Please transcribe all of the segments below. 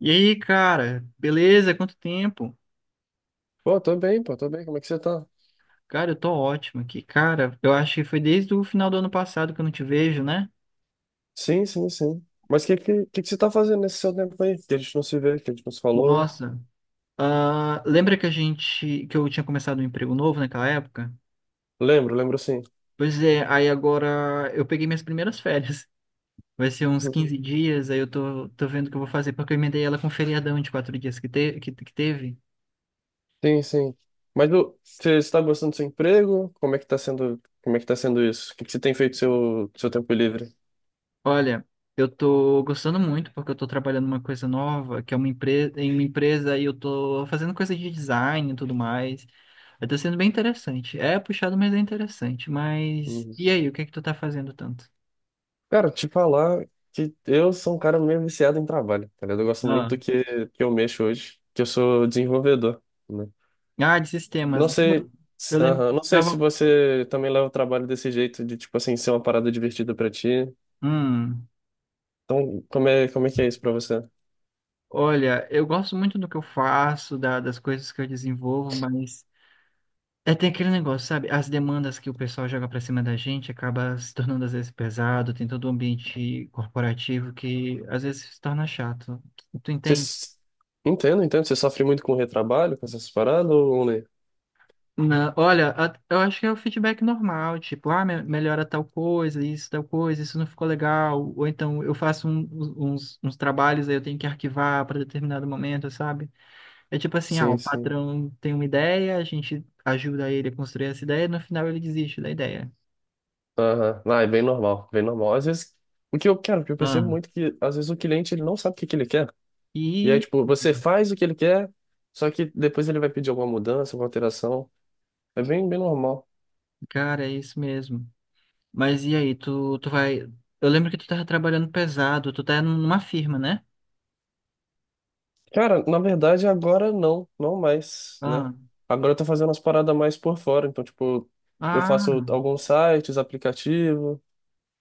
E aí, cara, beleza? Quanto tempo? Pô, tô bem, pô, tô bem. Como é que você tá? Cara, eu tô ótimo aqui. Cara, eu acho que foi desde o final do ano passado que eu não te vejo, né? Sim, sim, sim. Mas o que que você tá fazendo nesse seu tempo aí? Que a gente não se vê, que a gente não se falou. Nossa. Ah, lembra que a gente, que eu tinha começado um emprego novo naquela época? Lembro, lembro sim. Pois é, aí agora eu peguei minhas primeiras férias. Vai ser uns Uhum. 15 dias, aí eu tô vendo o que eu vou fazer, porque eu emendei ela com o feriadão de quatro dias que teve. Sim, sim. Mas ô, você está gostando do seu emprego? Como é que tá sendo, como é que tá sendo isso? O que, que você tem feito seu tempo livre? Olha, eu tô gostando muito porque eu tô trabalhando uma coisa nova, que é uma empresa, em uma empresa e eu tô fazendo coisa de design e tudo mais. Aí tá sendo bem interessante. É puxado, mas é interessante. Mas Uhum. e aí, o que é que tu tá fazendo tanto? Cara, te falar que eu sou um cara meio viciado em trabalho, tá ligado? Eu gosto muito Ah, do que eu mexo hoje, que eu sou desenvolvedor, né? De Não sistemas. sei, Eu lembro aham, que não sei se tava. você também leva o trabalho desse jeito, de, tipo assim, ser uma parada divertida pra ti. Hum, Então, como é que é isso pra você? Olha, eu gosto muito do que eu faço, das coisas que eu desenvolvo, mas é, tem aquele negócio, sabe? As demandas que o pessoal joga pra cima da gente acaba se tornando às vezes pesado, tem todo um ambiente corporativo que às vezes se torna chato. Tu Você... entende? s- Entendo, entendo. Você sofre muito com retrabalho, com essas paradas, ou nem? Não, olha, eu acho que é o feedback normal, tipo, ah, melhora tal coisa, isso não ficou legal, ou então eu faço uns trabalhos, aí eu tenho que arquivar para determinado momento, sabe? É tipo assim, ah, o Sim, sim. patrão tem uma ideia, a gente ajuda ele a construir essa ideia, no final ele desiste da ideia. Aham. Ah, é bem normal, bem normal. Às vezes, o que eu quero, o que eu percebo Ah. muito é que, às vezes, o cliente, ele não sabe o que que ele quer. E aí, E tipo, você faz o que ele quer, só que depois ele vai pedir alguma mudança, alguma alteração. É bem, bem normal. cara, é isso mesmo. Mas e aí, tu vai. Eu lembro que tu tava trabalhando pesado, tu tá numa firma, né? Cara, na verdade, agora não, não mais, né? Ah, Agora eu tô fazendo umas paradas mais por fora, então, tipo, eu faço ah, alguns sites, aplicativo,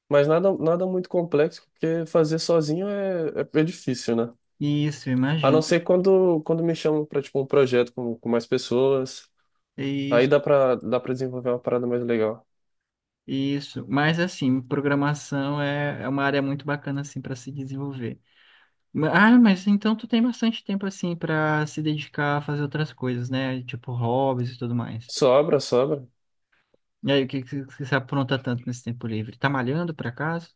mas nada, nada muito complexo, porque fazer sozinho é difícil, né? isso, A não imagino. ser quando, quando me chamam pra, tipo, um projeto com mais pessoas, aí Isso, dá pra desenvolver uma parada mais legal. isso. Mas assim, programação é uma área muito bacana assim para se desenvolver. Ah, mas então tu tem bastante tempo assim para se dedicar a fazer outras coisas, né? Tipo hobbies e tudo mais. Sobra, sobra. E aí, o que que você apronta tanto nesse tempo livre? Tá malhando por acaso?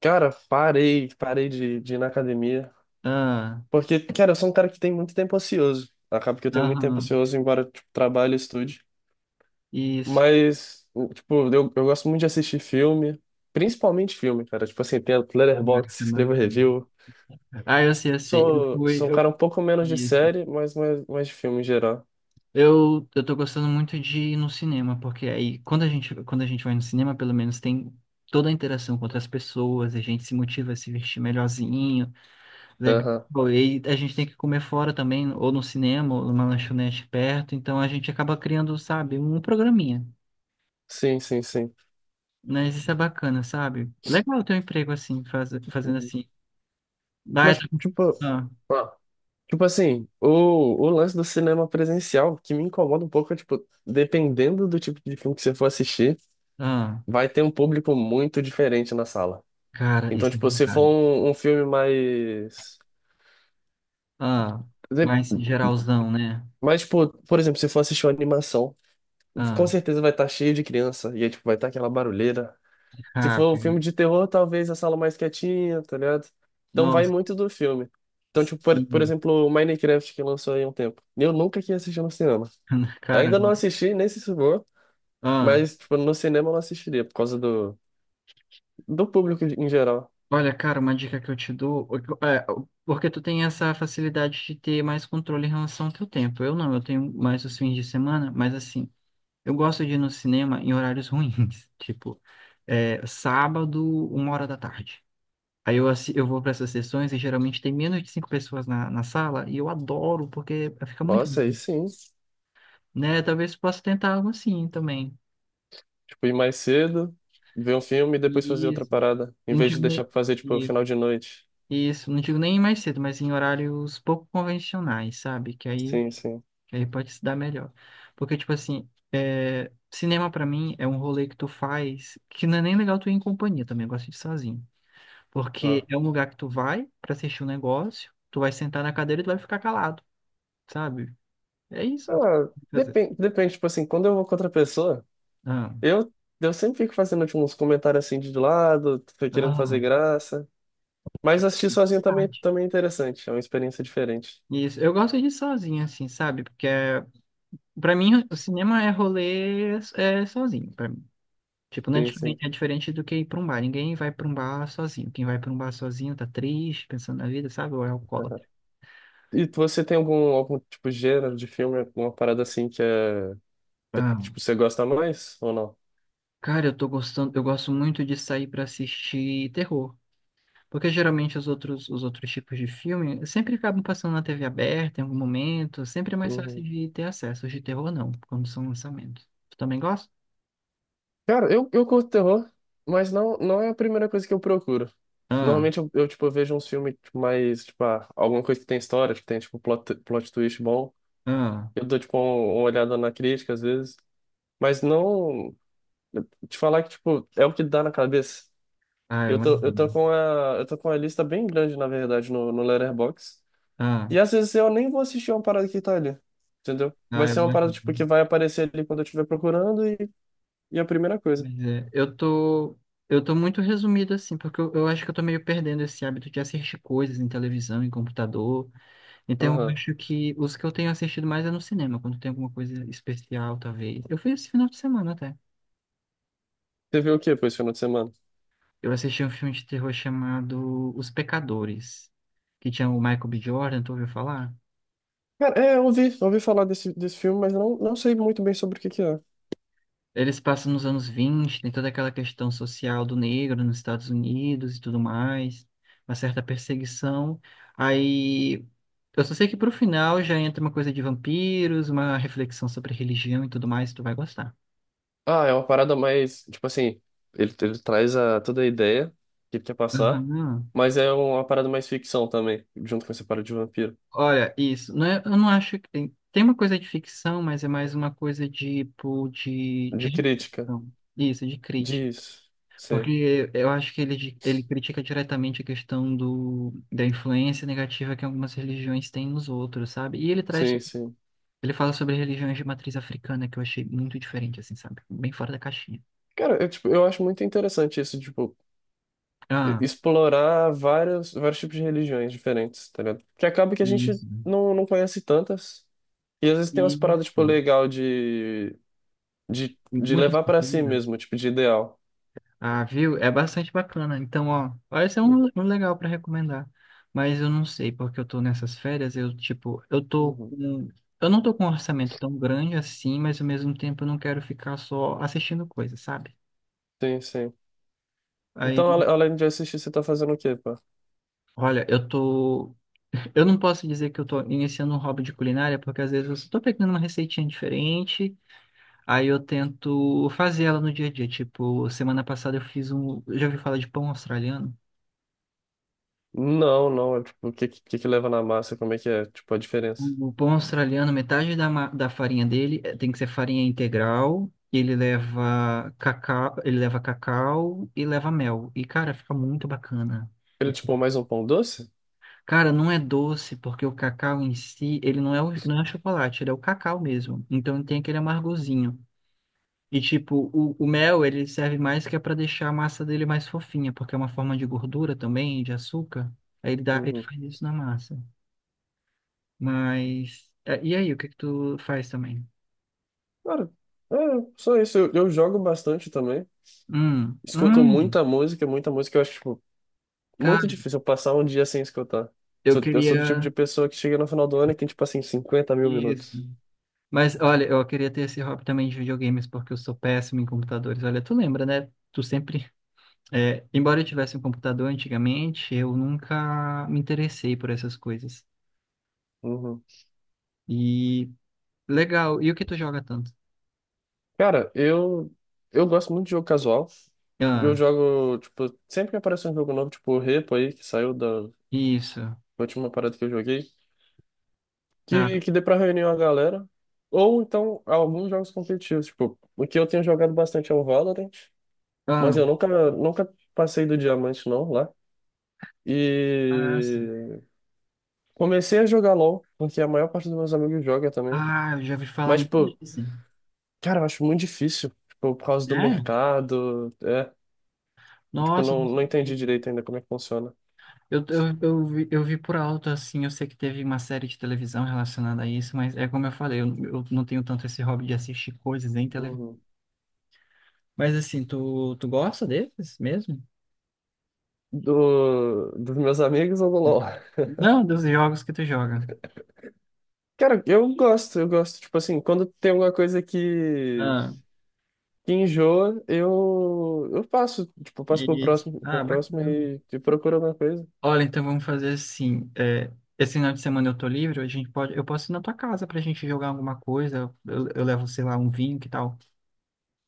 Cara, parei, parei de ir na academia. Ah, Porque, cara, eu sou um cara que tem muito tempo ocioso. Acaba que eu tenho muito tempo aham, ocioso, embora, tipo, trabalhe e estude. isso. Mas, tipo, eu gosto muito de assistir filme, principalmente filme, cara. Tipo assim, tem Agora Letterboxd, que tá escrevo malhando. review. Ah, eu sei, eu sei. Eu Sou, fui, sou um eu cara um pouco menos de Isso. série, mas mais, mais de filme em geral. Eu tô gostando muito de ir no cinema, porque aí quando a gente vai no cinema, pelo menos tem toda a interação com outras pessoas, a gente se motiva a se vestir melhorzinho, legal. Aham. E a gente tem que comer fora também, ou no cinema, ou numa lanchonete perto, então a gente acaba criando, sabe, um programinha. Sim, sim, sim. Mas isso é bacana, sabe? Legal ter um emprego assim, fazendo Uhum. assim. Ah, eu Mas, tô... tipo. ah, Ah. Tipo assim, o lance do cinema presencial que me incomoda um pouco é, tipo, dependendo do tipo de filme que você for assistir, ah, vai ter um público muito diferente na sala. cara, Então, isso é tipo, se for verdade. um, um filme mais. Ah, De- mais geralzão, né? Mais, tipo, por exemplo, se for assistir uma animação, com Ah, certeza vai estar cheio de criança, e aí, tipo, vai estar aquela barulheira. Se for um rápido. filme de terror, talvez a sala mais quietinha, tá ligado? Então vai Nossa, muito do filme. Então, tipo, por sim. exemplo, o Minecraft que lançou aí há um tempo. Eu nunca quis assistir no cinema. Ainda não Caramba. assisti, nem se for. Ah, Mas, tipo, no cinema eu não assistiria, por causa do, do público em geral. olha, cara, uma dica que eu te dou, o que eu- é, o- porque tu tem essa facilidade de ter mais controle em relação ao teu tempo. Eu não, eu tenho mais os fins de semana, mas assim, eu gosto de ir no cinema em horários ruins, tipo, é, sábado, uma hora da tarde. Aí eu, eu vou para essas sessões e geralmente tem menos de cinco pessoas na sala e eu adoro porque fica muito. Nossa, aí sim. Né? Talvez possa tentar algo assim também. Tipo, ir mais cedo, ver um filme e depois fazer outra Isso. parada, em E não vez de digo deixar nem... pra fazer, tipo, Isso. final de noite. Isso. Não digo nem mais cedo, mas em horários pouco convencionais, sabe? Que aí, Sim, sim. que aí pode se dar melhor. Porque, tipo assim, é, cinema pra mim é um rolê que tu faz que não é nem legal tu ir em companhia também, eu gosto de ir sozinho. Porque Ah. é um lugar que tu vai pra assistir um negócio, tu vai sentar na cadeira e tu vai ficar calado, sabe? É isso. Ah, Quer dizer, depende, depende, tipo assim, quando eu vou com outra pessoa, Ah, eu, eu sempre fico fazendo, tipo, uns comentários assim de lado, tô querendo ah, fazer graça. Mas assistir sozinho também, tarde. também é interessante, é uma experiência diferente. Isso, eu gosto de ir sozinho, assim, sabe? Porque é pra mim, o cinema é rolê é, sozinho, pra mim. Tipo, não é Sim, sim. diferente, é diferente do que ir pra um bar. Ninguém vai pra um bar sozinho. Quem vai pra um bar sozinho tá triste, pensando na vida, sabe? Ou é alcoólatra. Você tem algum, algum tipo de gênero de filme, alguma parada assim que é Você- Ah, Tipo, você gosta mais ou não? cara, eu tô gostando, eu gosto muito de sair pra assistir terror. Porque geralmente os outros tipos de filme sempre acabam passando na TV aberta em algum momento. Sempre é mais fácil Uhum. de ter acesso. Os de terror não, quando são lançamentos. Tu também gosta? Cara, eu curto terror, mas não, não é a primeira coisa que eu procuro. Ah, Normalmente eu vejo uns filmes tipo, mais, tipo, ah, alguma coisa que tem história, que tem, tipo, plot, plot twist bom. ah, Eu dou, tipo, uma olhada na crítica, às vezes. Mas não... Te falar que, tipo, é o que dá na cabeça. Eu Eu tô, eu tô imagino. com a, eu tô com uma lista bem grande, na verdade, no, no Letterboxd. Ah, E às vezes eu nem vou assistir uma parada que tá ali, entendeu? Vai eu ser uma parada, tipo, que imagino. vai aparecer ali quando eu estiver procurando E a primeira coisa. Pois é, eu tô muito resumido assim, porque eu acho que eu tô meio perdendo esse hábito de assistir coisas em televisão, em computador. Então eu Aham. acho que os que eu tenho assistido mais é no cinema, quando tem alguma coisa especial, talvez. Eu fui esse final de semana até. Você viu o que depois, final de semana? Eu assisti um filme de terror chamado Os Pecadores, que tinha o Michael B. Jordan, tu ouviu falar? Cara, é, eu ouvi, ouvi falar desse, desse filme, mas não, não sei muito bem sobre o que que é. Eles passam nos anos vinte, tem toda aquela questão social do negro nos Estados Unidos e tudo mais, uma certa perseguição. Aí eu só sei que pro final já entra uma coisa de vampiros, uma reflexão sobre religião e tudo mais, tu vai gostar. Ah, é uma parada mais, tipo assim, ele traz a, toda a ideia que ele quer passar, Aham. mas é um, uma parada mais ficção também, junto com essa parada de vampiro. Olha, isso, não é, eu não acho que tem, tem uma coisa de ficção, mas é mais uma coisa de, tipo, de De crítica. reflexão. Isso, de Diz. Sim, porque eu acho que ele critica diretamente a questão do, da influência negativa que algumas religiões têm nos outros, sabe? E ele traz, sim, sim. ele fala sobre religiões de matriz africana, que eu achei muito diferente, assim, sabe? Bem fora da caixinha. Cara, eu, tipo, eu acho muito interessante isso, tipo, Ah, explorar vários, vários tipos de religiões diferentes, tá ligado? Porque acaba que a gente isso. não, não conhece tantas. E às vezes tem umas paradas, tipo, Isso. legal de Muitas levar pra si culturas. mesmo, tipo, de ideal. Ah, viu? É bastante bacana. Então, ó, parece um, um legal para recomendar. Mas eu não sei, porque eu tô nessas férias, eu, tipo, eu tô Uhum. com... Eu não tô com um orçamento tão grande assim, mas ao mesmo tempo eu não quero ficar só assistindo coisas, sabe? Sim, sim. Aí, Além de assistir, você tá fazendo o quê, pá? olha, eu tô... Eu não posso dizer que eu tô iniciando um hobby de culinária, porque às vezes eu só tô pegando uma receitinha diferente, aí eu tento fazer ela no dia a dia. Tipo, semana passada eu fiz um... Já ouvi falar de pão australiano? Não, não, é tipo, o que, que leva na massa, como é que é, tipo, a diferença? O pão australiano, metade da farinha dele tem que ser farinha integral. E ele leva cacau, ele leva cacau e leva mel. E, cara, fica muito bacana. Ele, tipo, mais um pão doce? Cara, não é doce, porque o cacau em si, ele não é, não é chocolate, ele é o cacau mesmo. Então tem aquele amargozinho. E tipo, o mel, ele serve mais que é para deixar a massa dele mais fofinha, porque é uma forma de gordura também, de açúcar. Aí ele dá, ele Uhum. faz isso na massa. Mas, e aí, o que que tu faz também? Cara, é, só isso, eu jogo bastante também, Hum, escuto hum, muita música, eu acho, tipo, muito cara, difícil eu passar um dia sem escutar. eu Eu sou do tipo queria de pessoa que chega no final do ano e tem, tipo, assim, 50.000 isso. minutos. Mas olha, eu queria ter esse hobby também de videogames, porque eu sou péssimo em computadores. Olha, tu lembra, né? Tu sempre. É, embora eu tivesse um computador antigamente, eu nunca me interessei por essas coisas. Uhum. E legal, e o que tu joga tanto? Cara, eu gosto muito de jogo casual. Eu Ah, jogo, tipo, sempre que aparece um jogo novo, tipo o Repo aí, que saiu da isso, última parada que eu joguei, tá. que dê pra reunir uma galera. Ou então alguns jogos competitivos, tipo, o que eu tenho jogado bastante é o Valorant. Ah, Mas eu nunca, nunca passei do diamante, não, lá. Sim. E comecei a jogar LoL, porque a maior parte dos meus amigos joga também. Ah, eu já ouvi falar Mas, tipo, muito disso. cara, eu acho muito difícil. Tipo, por causa do É? mercado. É. Tipo, Nossa, não, não não sabia. entendi direito ainda como é que funciona. Eu vi por alto, assim, eu sei que teve uma série de televisão relacionada a isso, mas é como eu falei, eu não tenho tanto esse hobby de assistir coisas em televisão. Uhum. Mas assim, tu gosta desses mesmo? Do, dos meus amigos ou do LoL? Não, dos jogos que tu joga. Cara, eu gosto, eu gosto. Tipo assim, quando tem alguma coisa Ah, que enjoa, eu passo. Tipo, eu passo isso. Pro Ah, próximo bacana. E procuro alguma coisa. Olha, então vamos fazer assim. É, esse final de semana eu tô livre, eu posso ir na tua casa pra gente jogar alguma coisa. Eu levo, sei lá, um vinho, que tal?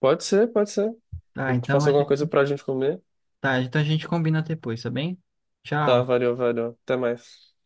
Pode ser, pode ser. Tá, Eu te então faço a alguma gente, coisa pra gente comer. tá, então a gente combina depois, tá bem? Tá, Tchau. valeu, valeu. Até mais.